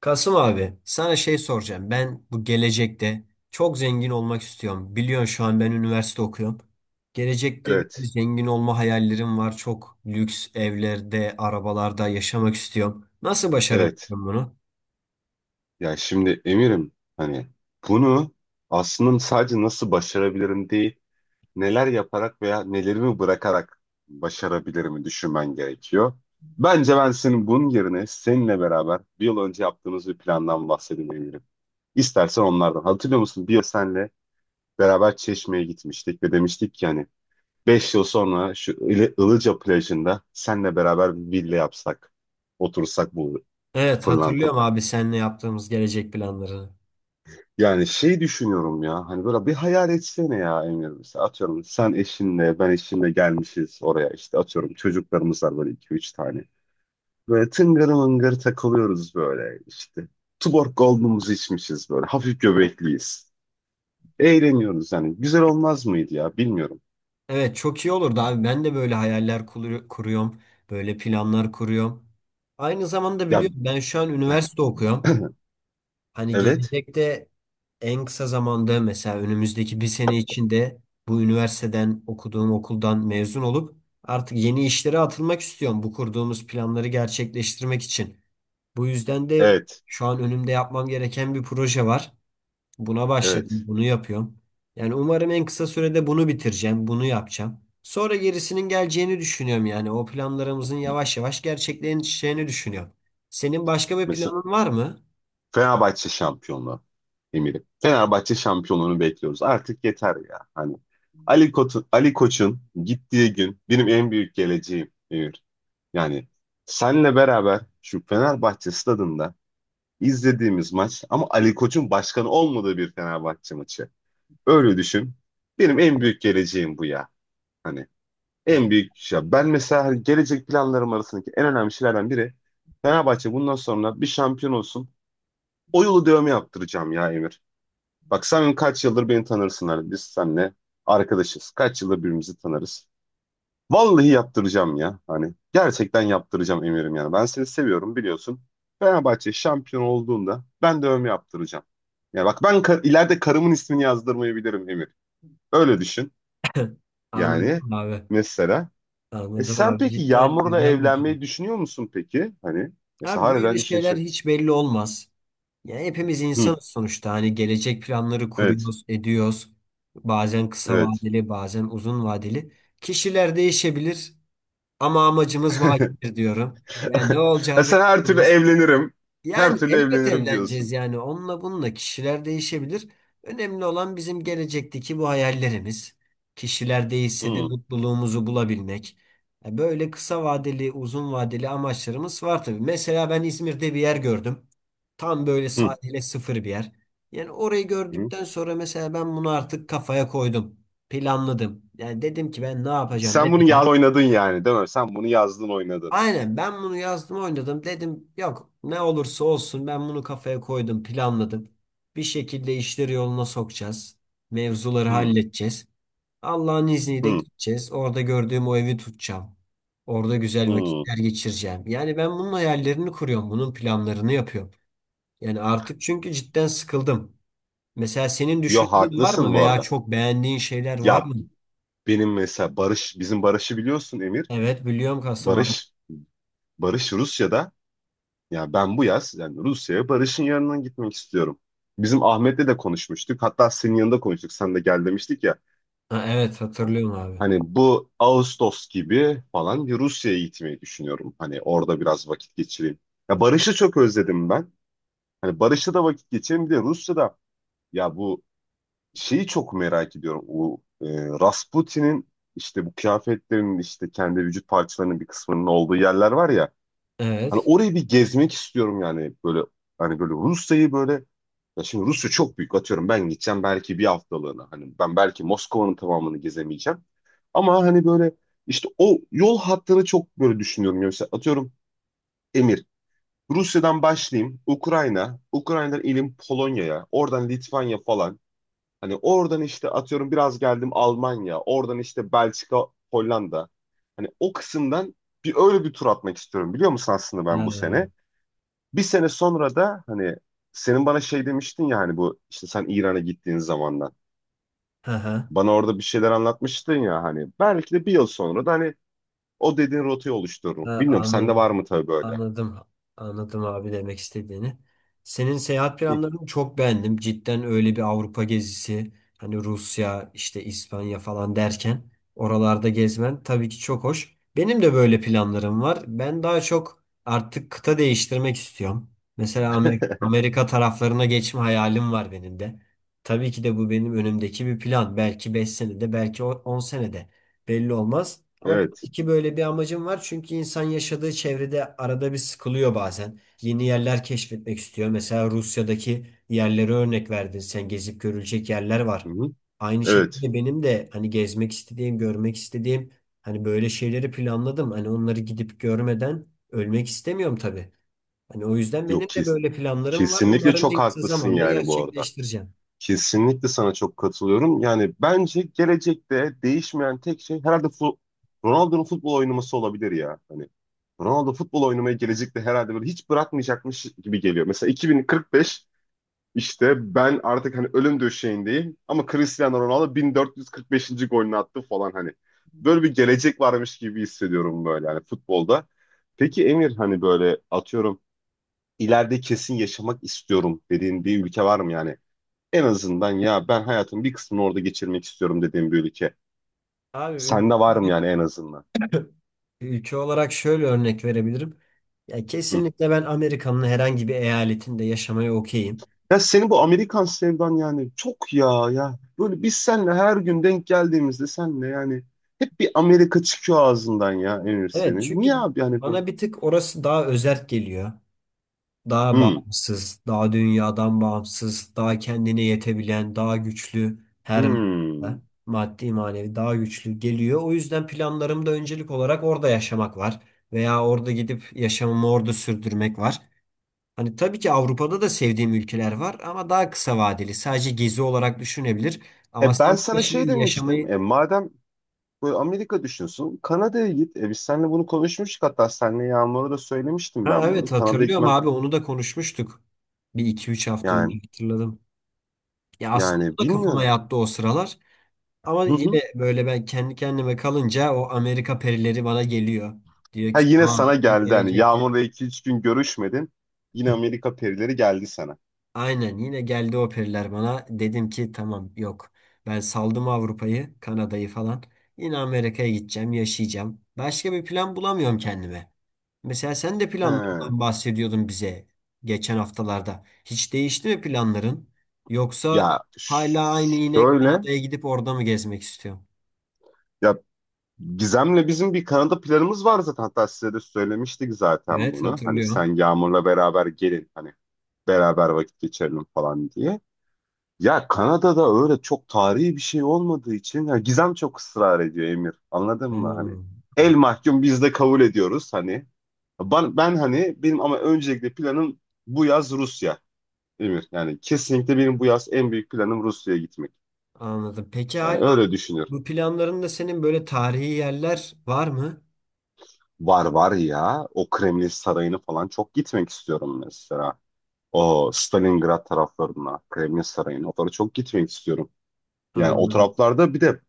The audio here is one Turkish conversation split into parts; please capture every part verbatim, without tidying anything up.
Kasım abi sana şey soracağım. Ben bu gelecekte çok zengin olmak istiyorum. Biliyorsun şu an ben üniversite okuyorum. Gelecekte böyle Evet, zengin olma hayallerim var. Çok lüks evlerde, arabalarda yaşamak istiyorum. Nasıl başarabilirim evet. bunu? Ya şimdi Emir'im hani bunu aslında sadece nasıl başarabilirim değil, neler yaparak veya nelerimi bırakarak başarabilirimi düşünmen gerekiyor. Bence ben senin bunun yerine seninle beraber bir yıl önce yaptığımız bir plandan bahsedeyim Emir'im. İstersen onlardan. Hatırlıyor musun? Bir yıl senle beraber Çeşme'ye gitmiştik ve demiştik ki hani beş yıl sonra şu Ili- Ilıca plajında senle beraber bir villa yapsak, otursak bu Evet, pırlanta. hatırlıyorum abi seninle yaptığımız gelecek planlarını. Yani şey düşünüyorum ya hani böyle bir hayal etsene ya Emir, mesela atıyorum sen eşinle ben eşimle gelmişiz oraya, işte atıyorum çocuklarımız var böyle iki üç tane. Böyle tıngır mıngır takılıyoruz böyle, işte Tuborg Gold'umuzu içmişiz böyle hafif göbekliyiz. Eğleniyoruz yani, güzel olmaz mıydı ya, bilmiyorum. Evet, çok iyi olurdu abi. Ben de böyle hayaller kuru- kuruyorum. Böyle planlar kuruyorum. Aynı zamanda Ya biliyorum ben şu an üniversite okuyorum. Hani evet, gelecekte en kısa zamanda mesela önümüzdeki bir sene içinde bu üniversiteden okuduğum okuldan mezun olup artık yeni işlere atılmak istiyorum. Bu kurduğumuz planları gerçekleştirmek için. Bu yüzden de evet, şu an önümde yapmam gereken bir proje var. Buna başladım, evet. bunu yapıyorum. Yani umarım en kısa sürede bunu bitireceğim, bunu yapacağım. Sonra gerisinin geleceğini düşünüyorum yani. O planlarımızın yavaş yavaş gerçekleşeceğini düşünüyorum. Senin başka bir Mesela planın var mı? Fenerbahçe şampiyonluğu Emir'im. Fenerbahçe şampiyonluğunu bekliyoruz. Artık yeter ya. Hani Ali Koç'un Ali Koç'un gittiği gün benim en büyük geleceğim Emir. Yani senle beraber şu Fenerbahçe stadında izlediğimiz maç, ama Ali Koç'un başkanı olmadığı bir Fenerbahçe maçı. Öyle düşün. Benim en büyük geleceğim bu ya. Hani en büyük şey. Ben mesela hani gelecek planlarım arasındaki en önemli şeylerden biri Fenerbahçe bundan sonra bir şampiyon olsun. O yolu dövme yaptıracağım ya Emir. Bak sen kaç yıldır beni tanırsın, hani biz seninle arkadaşız. Kaç yıldır birbirimizi tanırız. Vallahi yaptıracağım ya. Hani gerçekten yaptıracağım Emir'im yani. Ben seni seviyorum biliyorsun. Fenerbahçe şampiyon olduğunda ben de övme yaptıracağım. Ya bak ben kar- ileride karımın ismini yazdırmayabilirim Emir. Öyle düşün. Yani Anladım abi. mesela. E, Anladım sen abi. peki Cidden Yağmur'la güzel bir film. evlenmeyi düşünüyor musun peki? Hani mesela Abi böyle harbiden işin şeyler şak. hiç belli olmaz. Yani hepimiz Hı, insanız sonuçta. Hani gelecek planları evet. kuruyoruz, ediyoruz. Bazen kısa Evet. vadeli, bazen uzun vadeli. Kişiler değişebilir ama amacımız vakidir diyorum. Yani ne Ha, olacağı belli sen her türlü olmaz. evlenirim. Her Yani türlü elbet evlenirim evleneceğiz diyorsun. yani onunla bununla kişiler değişebilir. Önemli olan bizim gelecekteki bu hayallerimiz. Kişiler değişse de Hı, mutluluğumuzu bulabilmek. E, böyle kısa vadeli, uzun vadeli amaçlarımız var tabii. Mesela ben İzmir'de bir yer gördüm. Tam böyle hı, sahile sıfır bir yer. Yani orayı hı. gördükten sonra mesela ben bunu artık kafaya koydum. Planladım. Yani dedim ki ben ne yapacağım, Sen bunu edeceğim. yaz oynadın yani değil mi? Sen bunu yazdın oynadın. Aynen, ben bunu yazdım oynadım dedim, yok ne olursa olsun ben bunu kafaya koydum, planladım. Bir şekilde işleri yoluna sokacağız. Mevzuları Hı, halledeceğiz. Allah'ın izniyle hı, gideceğiz. Orada gördüğüm o evi tutacağım. Orada güzel hı. vakitler geçireceğim. Yani ben bunun hayallerini kuruyorum. Bunun planlarını yapıyorum. Yani artık çünkü cidden sıkıldım. Mesela senin Yo, düşündüğün var mı haklısın bu veya arada. çok beğendiğin şeyler var Ya mı? benim mesela Barış, bizim Barış'ı biliyorsun Emir. Evet, biliyorum Kasım abi. Barış, Barış Rusya'da. Ya ben bu yaz yani Rusya'ya Barış'ın yanına gitmek istiyorum. Bizim Ahmet'le de konuşmuştuk. Hatta senin yanında konuştuk. Sen de gel demiştik ya. Ha, evet, hatırlıyorum abi. Hani bu Ağustos gibi falan bir Rusya'ya gitmeyi düşünüyorum. Hani orada biraz vakit geçireyim. Ya Barış'ı çok özledim ben. Hani Barış'la da vakit geçireyim. Bir de Rusya'da ya bu şeyi çok merak ediyorum. O e, Rasputin'in işte bu kıyafetlerinin, işte kendi vücut parçalarının bir kısmının olduğu yerler var ya. Hani Evet. orayı bir gezmek istiyorum yani, böyle hani böyle Rusya'yı böyle, ya şimdi Rusya çok büyük, atıyorum ben gideceğim belki bir haftalığına. Hani ben belki Moskova'nın tamamını gezemeyeceğim. Ama hani böyle işte o yol hattını çok böyle düşünüyorum. Ya mesela atıyorum Emir. Rusya'dan başlayayım Ukrayna, Ukrayna'dan ilim Polonya'ya, oradan Litvanya falan. Hani oradan işte atıyorum biraz geldim Almanya, oradan işte Belçika, Hollanda. Hani o kısımdan bir öyle bir tur atmak istiyorum biliyor musun aslında, ben bu Ha, sene. Bir sene sonra da hani senin bana şey demiştin ya, hani bu işte sen İran'a gittiğin zamandan. ha, ha. Bana orada bir şeyler anlatmıştın ya, hani belki de bir yıl sonra da hani o dediğin rotayı oluştururum. Ha, Bilmiyorum sende anladım. var mı tabii böyle? Anladım. Anladım abi demek istediğini. Senin seyahat Hı, planlarını çok beğendim. Cidden öyle bir Avrupa gezisi, hani Rusya, işte İspanya falan derken oralarda gezmen tabii ki çok hoş. Benim de böyle planlarım var. Ben daha çok artık kıta değiştirmek istiyorum. Mesela Amer- Amerika taraflarına geçme hayalim var benim de. Tabii ki de bu benim önümdeki bir plan. Belki beş senede, belki on senede. Belli olmaz. Ama evet. iki böyle bir amacım var. Çünkü insan yaşadığı çevrede arada bir sıkılıyor bazen. Yeni yerler keşfetmek istiyor. Mesela Rusya'daki yerlere örnek verdin. Sen gezip görülecek yerler Hı var. hı, Aynı evet. şekilde benim de hani gezmek istediğim, görmek istediğim, hani böyle şeyleri planladım. Hani onları gidip görmeden ölmek istemiyorum tabii. Hani o yüzden benim Yok, de kes. böyle planlarım var. Kesinlikle Umarım çok en kısa haklısın zamanda yani bu arada. gerçekleştireceğim. Kesinlikle sana çok katılıyorum. Yani bence gelecekte değişmeyen tek şey herhalde fu- Ronaldo'nun futbol oynaması olabilir ya. Hani Ronaldo futbol oynamayı gelecekte herhalde böyle hiç bırakmayacakmış gibi geliyor. Mesela iki bin kırk beş. İşte ben artık hani ölüm döşeğindeyim ama Cristiano Ronaldo bin dört yüz kırk beşinci. golünü attı falan hani. Böyle bir gelecek varmış gibi hissediyorum böyle hani futbolda. Peki Emir hani böyle atıyorum ileride kesin yaşamak istiyorum dediğin bir ülke var mı yani? En azından ya ben hayatımın bir kısmını orada geçirmek istiyorum dediğin bir ülke. Abi ülke Sende var mı olarak. yani en azından? Ülke olarak şöyle örnek verebilirim. Ya Hı. kesinlikle ben Amerika'nın herhangi bir eyaletinde yaşamaya okeyim. Ya senin bu Amerikan sevdan yani çok, ya ya. Böyle biz seninle her gün denk geldiğimizde senle yani hep bir Amerika çıkıyor ağzından ya Emir Evet senin. Niye çünkü abi yani böyle? bana bir tık orası daha özerk geliyor. Daha Hmm, bağımsız, daha dünyadan bağımsız, daha kendine yetebilen, daha güçlü her hmm. manada, maddi manevi daha güçlü geliyor. O yüzden planlarımda öncelik olarak orada yaşamak var. Veya orada gidip yaşamımı orada sürdürmek var. Hani tabii ki Avrupa'da da sevdiğim ülkeler var ama daha kısa vadeli. Sadece gezi olarak düşünebilir. Ama E sen ben burada sana şey şimdi demiştim. yaşamayı... E madem böyle Amerika düşünsün Kanada'ya git. E biz seninle bunu konuşmuştuk, hatta seninle Yağmur'a da söylemiştim Ha, ben evet, bunu. Kanada'ya hatırlıyorum gitmem abi onu da konuşmuştuk. Bir iki üç hafta önce yani hatırladım. Ya aslında bu yani da kafama bilmiyorum. yattı o sıralar. Ama Hı hı. yine böyle ben kendi kendime kalınca o Amerika perileri bana geliyor. Diyor Ha, ki yine sana tamam sen geldi hani gelecekte. Yağmur'la iki üç gün görüşmedin. Yine Amerika perileri geldi sana. Aynen, yine geldi o periler bana. Dedim ki tamam yok. Ben saldım Avrupa'yı, Kanada'yı falan. Yine Amerika'ya gideceğim, yaşayacağım. Başka bir plan bulamıyorum kendime. Mesela sen de He. planlarından bahsediyordun bize geçen haftalarda. Hiç değişti mi planların? Yoksa Ya hala aynı ş- yine şöyle Kanada'ya gidip orada mı gezmek istiyorsun? ya Gizem'le bizim bir Kanada planımız var zaten. Hatta size de söylemiştik zaten Evet, bunu. Hani sen hatırlıyorum. Yağmur'la beraber gelin hani beraber vakit geçirelim falan diye. Ya Kanada'da öyle çok tarihi bir şey olmadığı için ya Gizem çok ısrar ediyor Emir. Anladın mı? Hani Hmm, el mahkum biz de kabul ediyoruz hani. Ben, ben hani benim ama öncelikle planım bu yaz Rusya Emir. Yani kesinlikle benim bu yaz en büyük planım Rusya'ya gitmek. anladım. Peki Yani hala öyle düşünüyorum. bu planlarında senin böyle tarihi yerler var mı? Var var ya. O Kremlin Sarayı'nı falan çok gitmek istiyorum mesela. O Stalingrad taraflarına, Kremlin Sarayı'na. Oralara çok gitmek istiyorum. Yani o Anladım. taraflarda bir de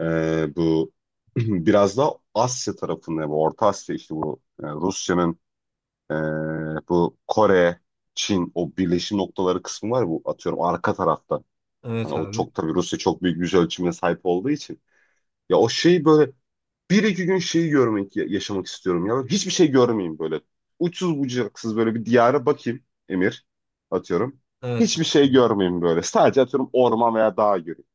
e, bu biraz da Asya tarafında, bu Orta Asya işte bu e, Rusya'nın e, bu Kore, Çin o birleşim noktaları kısmı var ya, bu atıyorum arka tarafta. Hani Evet o abi. çok tabii Rusya çok büyük yüz ölçümüne sahip olduğu için. Ya o şey böyle bir iki gün şeyi görmek, ya- yaşamak istiyorum ya. Hiçbir şey görmeyeyim böyle. Uçsuz bucaksız böyle bir diyara bakayım Emir, atıyorum. Evet Hiçbir kanka. şey görmeyeyim böyle. Sadece atıyorum orman veya dağ göreyim.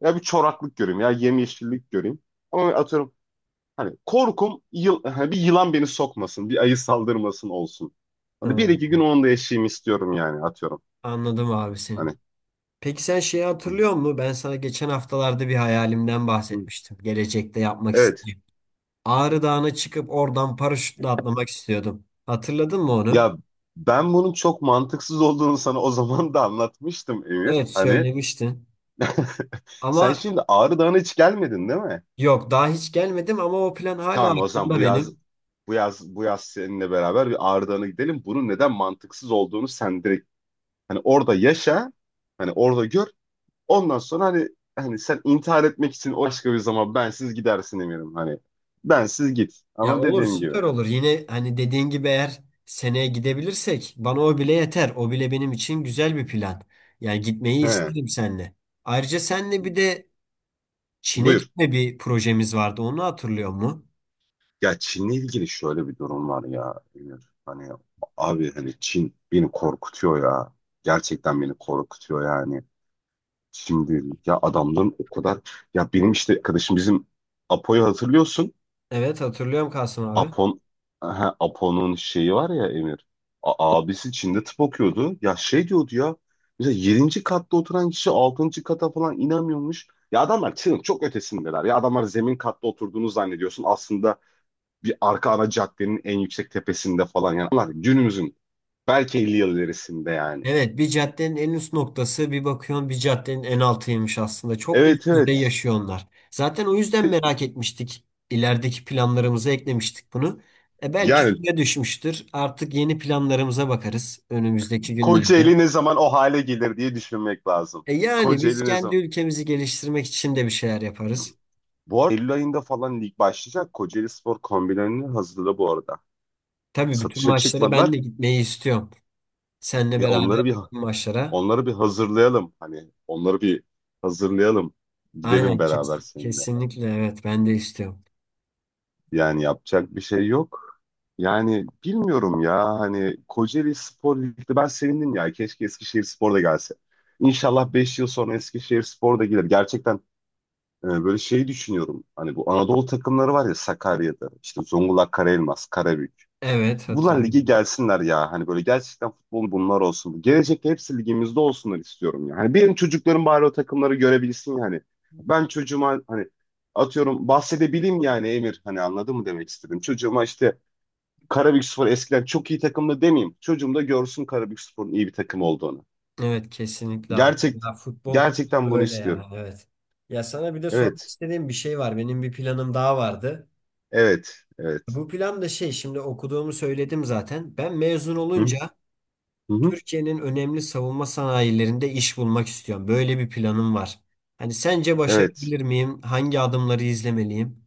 Ya bir çoraklık göreyim ya yemyeşillik göreyim. Ama atıyorum hani korkum yıl, hani bir yılan beni sokmasın, bir ayı saldırmasın olsun. Ha, Hani bir iki gün onu da yaşayayım istiyorum yani atıyorum. anladım abi seni. Hani. Peki sen şeyi hatırlıyor musun? Ben sana geçen haftalarda bir hayalimden Hı. bahsetmiştim. Gelecekte yapmak Evet, istediğim. Ağrı Dağı'na çıkıp oradan paraşütle atlamak istiyordum. Hatırladın mı onu? ya ben bunun çok mantıksız olduğunu sana o zaman da anlatmıştım Emir. Evet, Hani söylemiştin. sen Ama şimdi Ağrı Dağı'na hiç gelmedin değil mi? yok, daha hiç gelmedim ama o plan hala Tamam, o zaman aklımda bu yaz benim. bu yaz bu yaz seninle beraber bir Ağrı Dağı'na gidelim. Bunun neden mantıksız olduğunu sen direkt hani orada yaşa, hani orada gör. Ondan sonra hani hani sen intihar etmek için o başka bir zaman bensiz gidersin eminim hani. Bensiz git. Ya Ama olur, dediğim gibi. süper olur. Yine hani dediğin gibi eğer seneye gidebilirsek bana o bile yeter. O bile benim için güzel bir plan. Yani gitmeyi He, isterim seninle. Ayrıca senle bir de Çin'e buyur. gitme bir projemiz vardı. Onu hatırlıyor mu? Ya Çin'le ilgili şöyle bir durum var ya Emir. Hani abi hani Çin beni korkutuyor ya. Gerçekten beni korkutuyor yani. Şimdi ya adamların o kadar, ya benim işte arkadaşım bizim Apo'yu hatırlıyorsun. Evet, hatırlıyorum Kasım abi. Apon ha, Apo'nun şeyi var ya Emir. A- abisi Çin'de tıp okuyordu. Ya şey diyordu ya. Mesela yedinci katta oturan kişi altıncı kata falan inemiyormuş. Ya adamlar Çin'in çok ötesindeler. Ya adamlar zemin katta oturduğunu zannediyorsun. Aslında bir arka ana caddenin en yüksek tepesinde falan. Yani onlar günümüzün belki elli yıl ilerisinde yani. Evet, bir caddenin en üst noktası bir bakıyorsun bir caddenin en altıymış aslında. Çok üst Evet, düzey evet. yaşıyor onlar. Zaten o yüzden merak etmiştik. İlerideki planlarımıza eklemiştik bunu. E belki Yani suya düşmüştür. Artık yeni planlarımıza bakarız önümüzdeki günlerde. Kocaeli ne zaman o hale gelir diye düşünmek lazım. E yani biz Kocaeli ne kendi zaman? ülkemizi geliştirmek için de bir şeyler yaparız. Bu arada Eylül ayında falan lig başlayacak. Kocaeli Spor kombilerini hazırladı bu arada. Tabii bütün Satışa maçlara ben çıkmadılar. de gitmeyi istiyorum. Seninle Ya beraber onları bir bütün maçlara. onları bir hazırlayalım. Hani onları bir hazırlayalım. Gidelim Aynen, kes- beraber seninle. kesinlikle evet ben de istiyorum. Yani yapacak bir şey yok. Yani bilmiyorum ya hani Kocaeli Spor Lig'de ben sevindim ya. Keşke Eskişehir Spor da gelse. İnşallah beş yıl sonra Eskişehir Spor da gelir. Gerçekten Ee, böyle şeyi düşünüyorum. Hani bu Anadolu takımları var ya Sakarya'da. İşte Zonguldak, Karaelmas, Karabük. Evet, Bunlar lige hatırlıyorum. gelsinler ya. Hani böyle gerçekten futbol bunlar olsun. Gelecekte hepsi ligimizde olsunlar istiyorum ya. Hani benim çocuklarım bari o takımları görebilsin yani. Ben çocuğuma hani atıyorum bahsedebileyim yani Emir. Hani anladın mı, demek istedim. Çocuğuma işte Karabükspor eskiden çok iyi takımdı demeyeyim. Çocuğum da görsün Karabükspor'un iyi bir takım olduğunu. Evet, kesinlikle abi. Gerçek Ya futbol konusu Gerçekten bunu böyle yani, istiyorum. evet. Ya sana bir de sormak Evet. istediğim bir şey var. Benim bir planım daha vardı. Evet. Evet. Bu plan da şey, şimdi okuduğumu söyledim zaten. Ben mezun Hı? olunca Hı hı. Türkiye'nin önemli savunma sanayilerinde iş bulmak istiyorum. Böyle bir planım var. Hani sence Evet. başarabilir miyim? Hangi adımları izlemeliyim?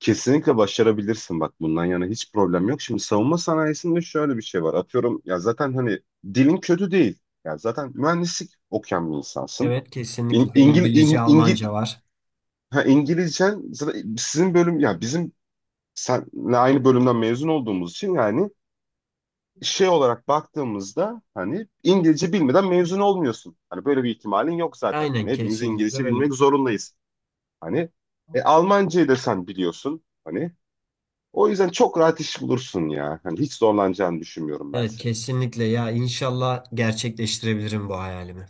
Kesinlikle başarabilirsin, bak bundan yana hiç problem yok. Şimdi savunma sanayisinde şöyle bir şey var. Atıyorum ya zaten hani dilin kötü değil. Ya zaten mühendislik okuyan bir insansın. Evet, İn, kesinlikle İngil, İngilizce, İng- İngil, Almanca var. ha, İngilizcen zaten sizin bölüm ya bizim senle aynı bölümden mezun olduğumuz için yani, şey olarak baktığımızda hani İngilizce bilmeden mezun olmuyorsun. Hani böyle bir ihtimalin yok zaten. Aynen, Hani hepimiz kesinlikle İngilizce öyle. bilmek zorundayız. Hani e, Almancayı da sen biliyorsun. Hani o yüzden çok rahat iş bulursun ya. Hani hiç zorlanacağını düşünmüyorum ben Evet, seni. kesinlikle ya inşallah gerçekleştirebilirim bu hayalimi.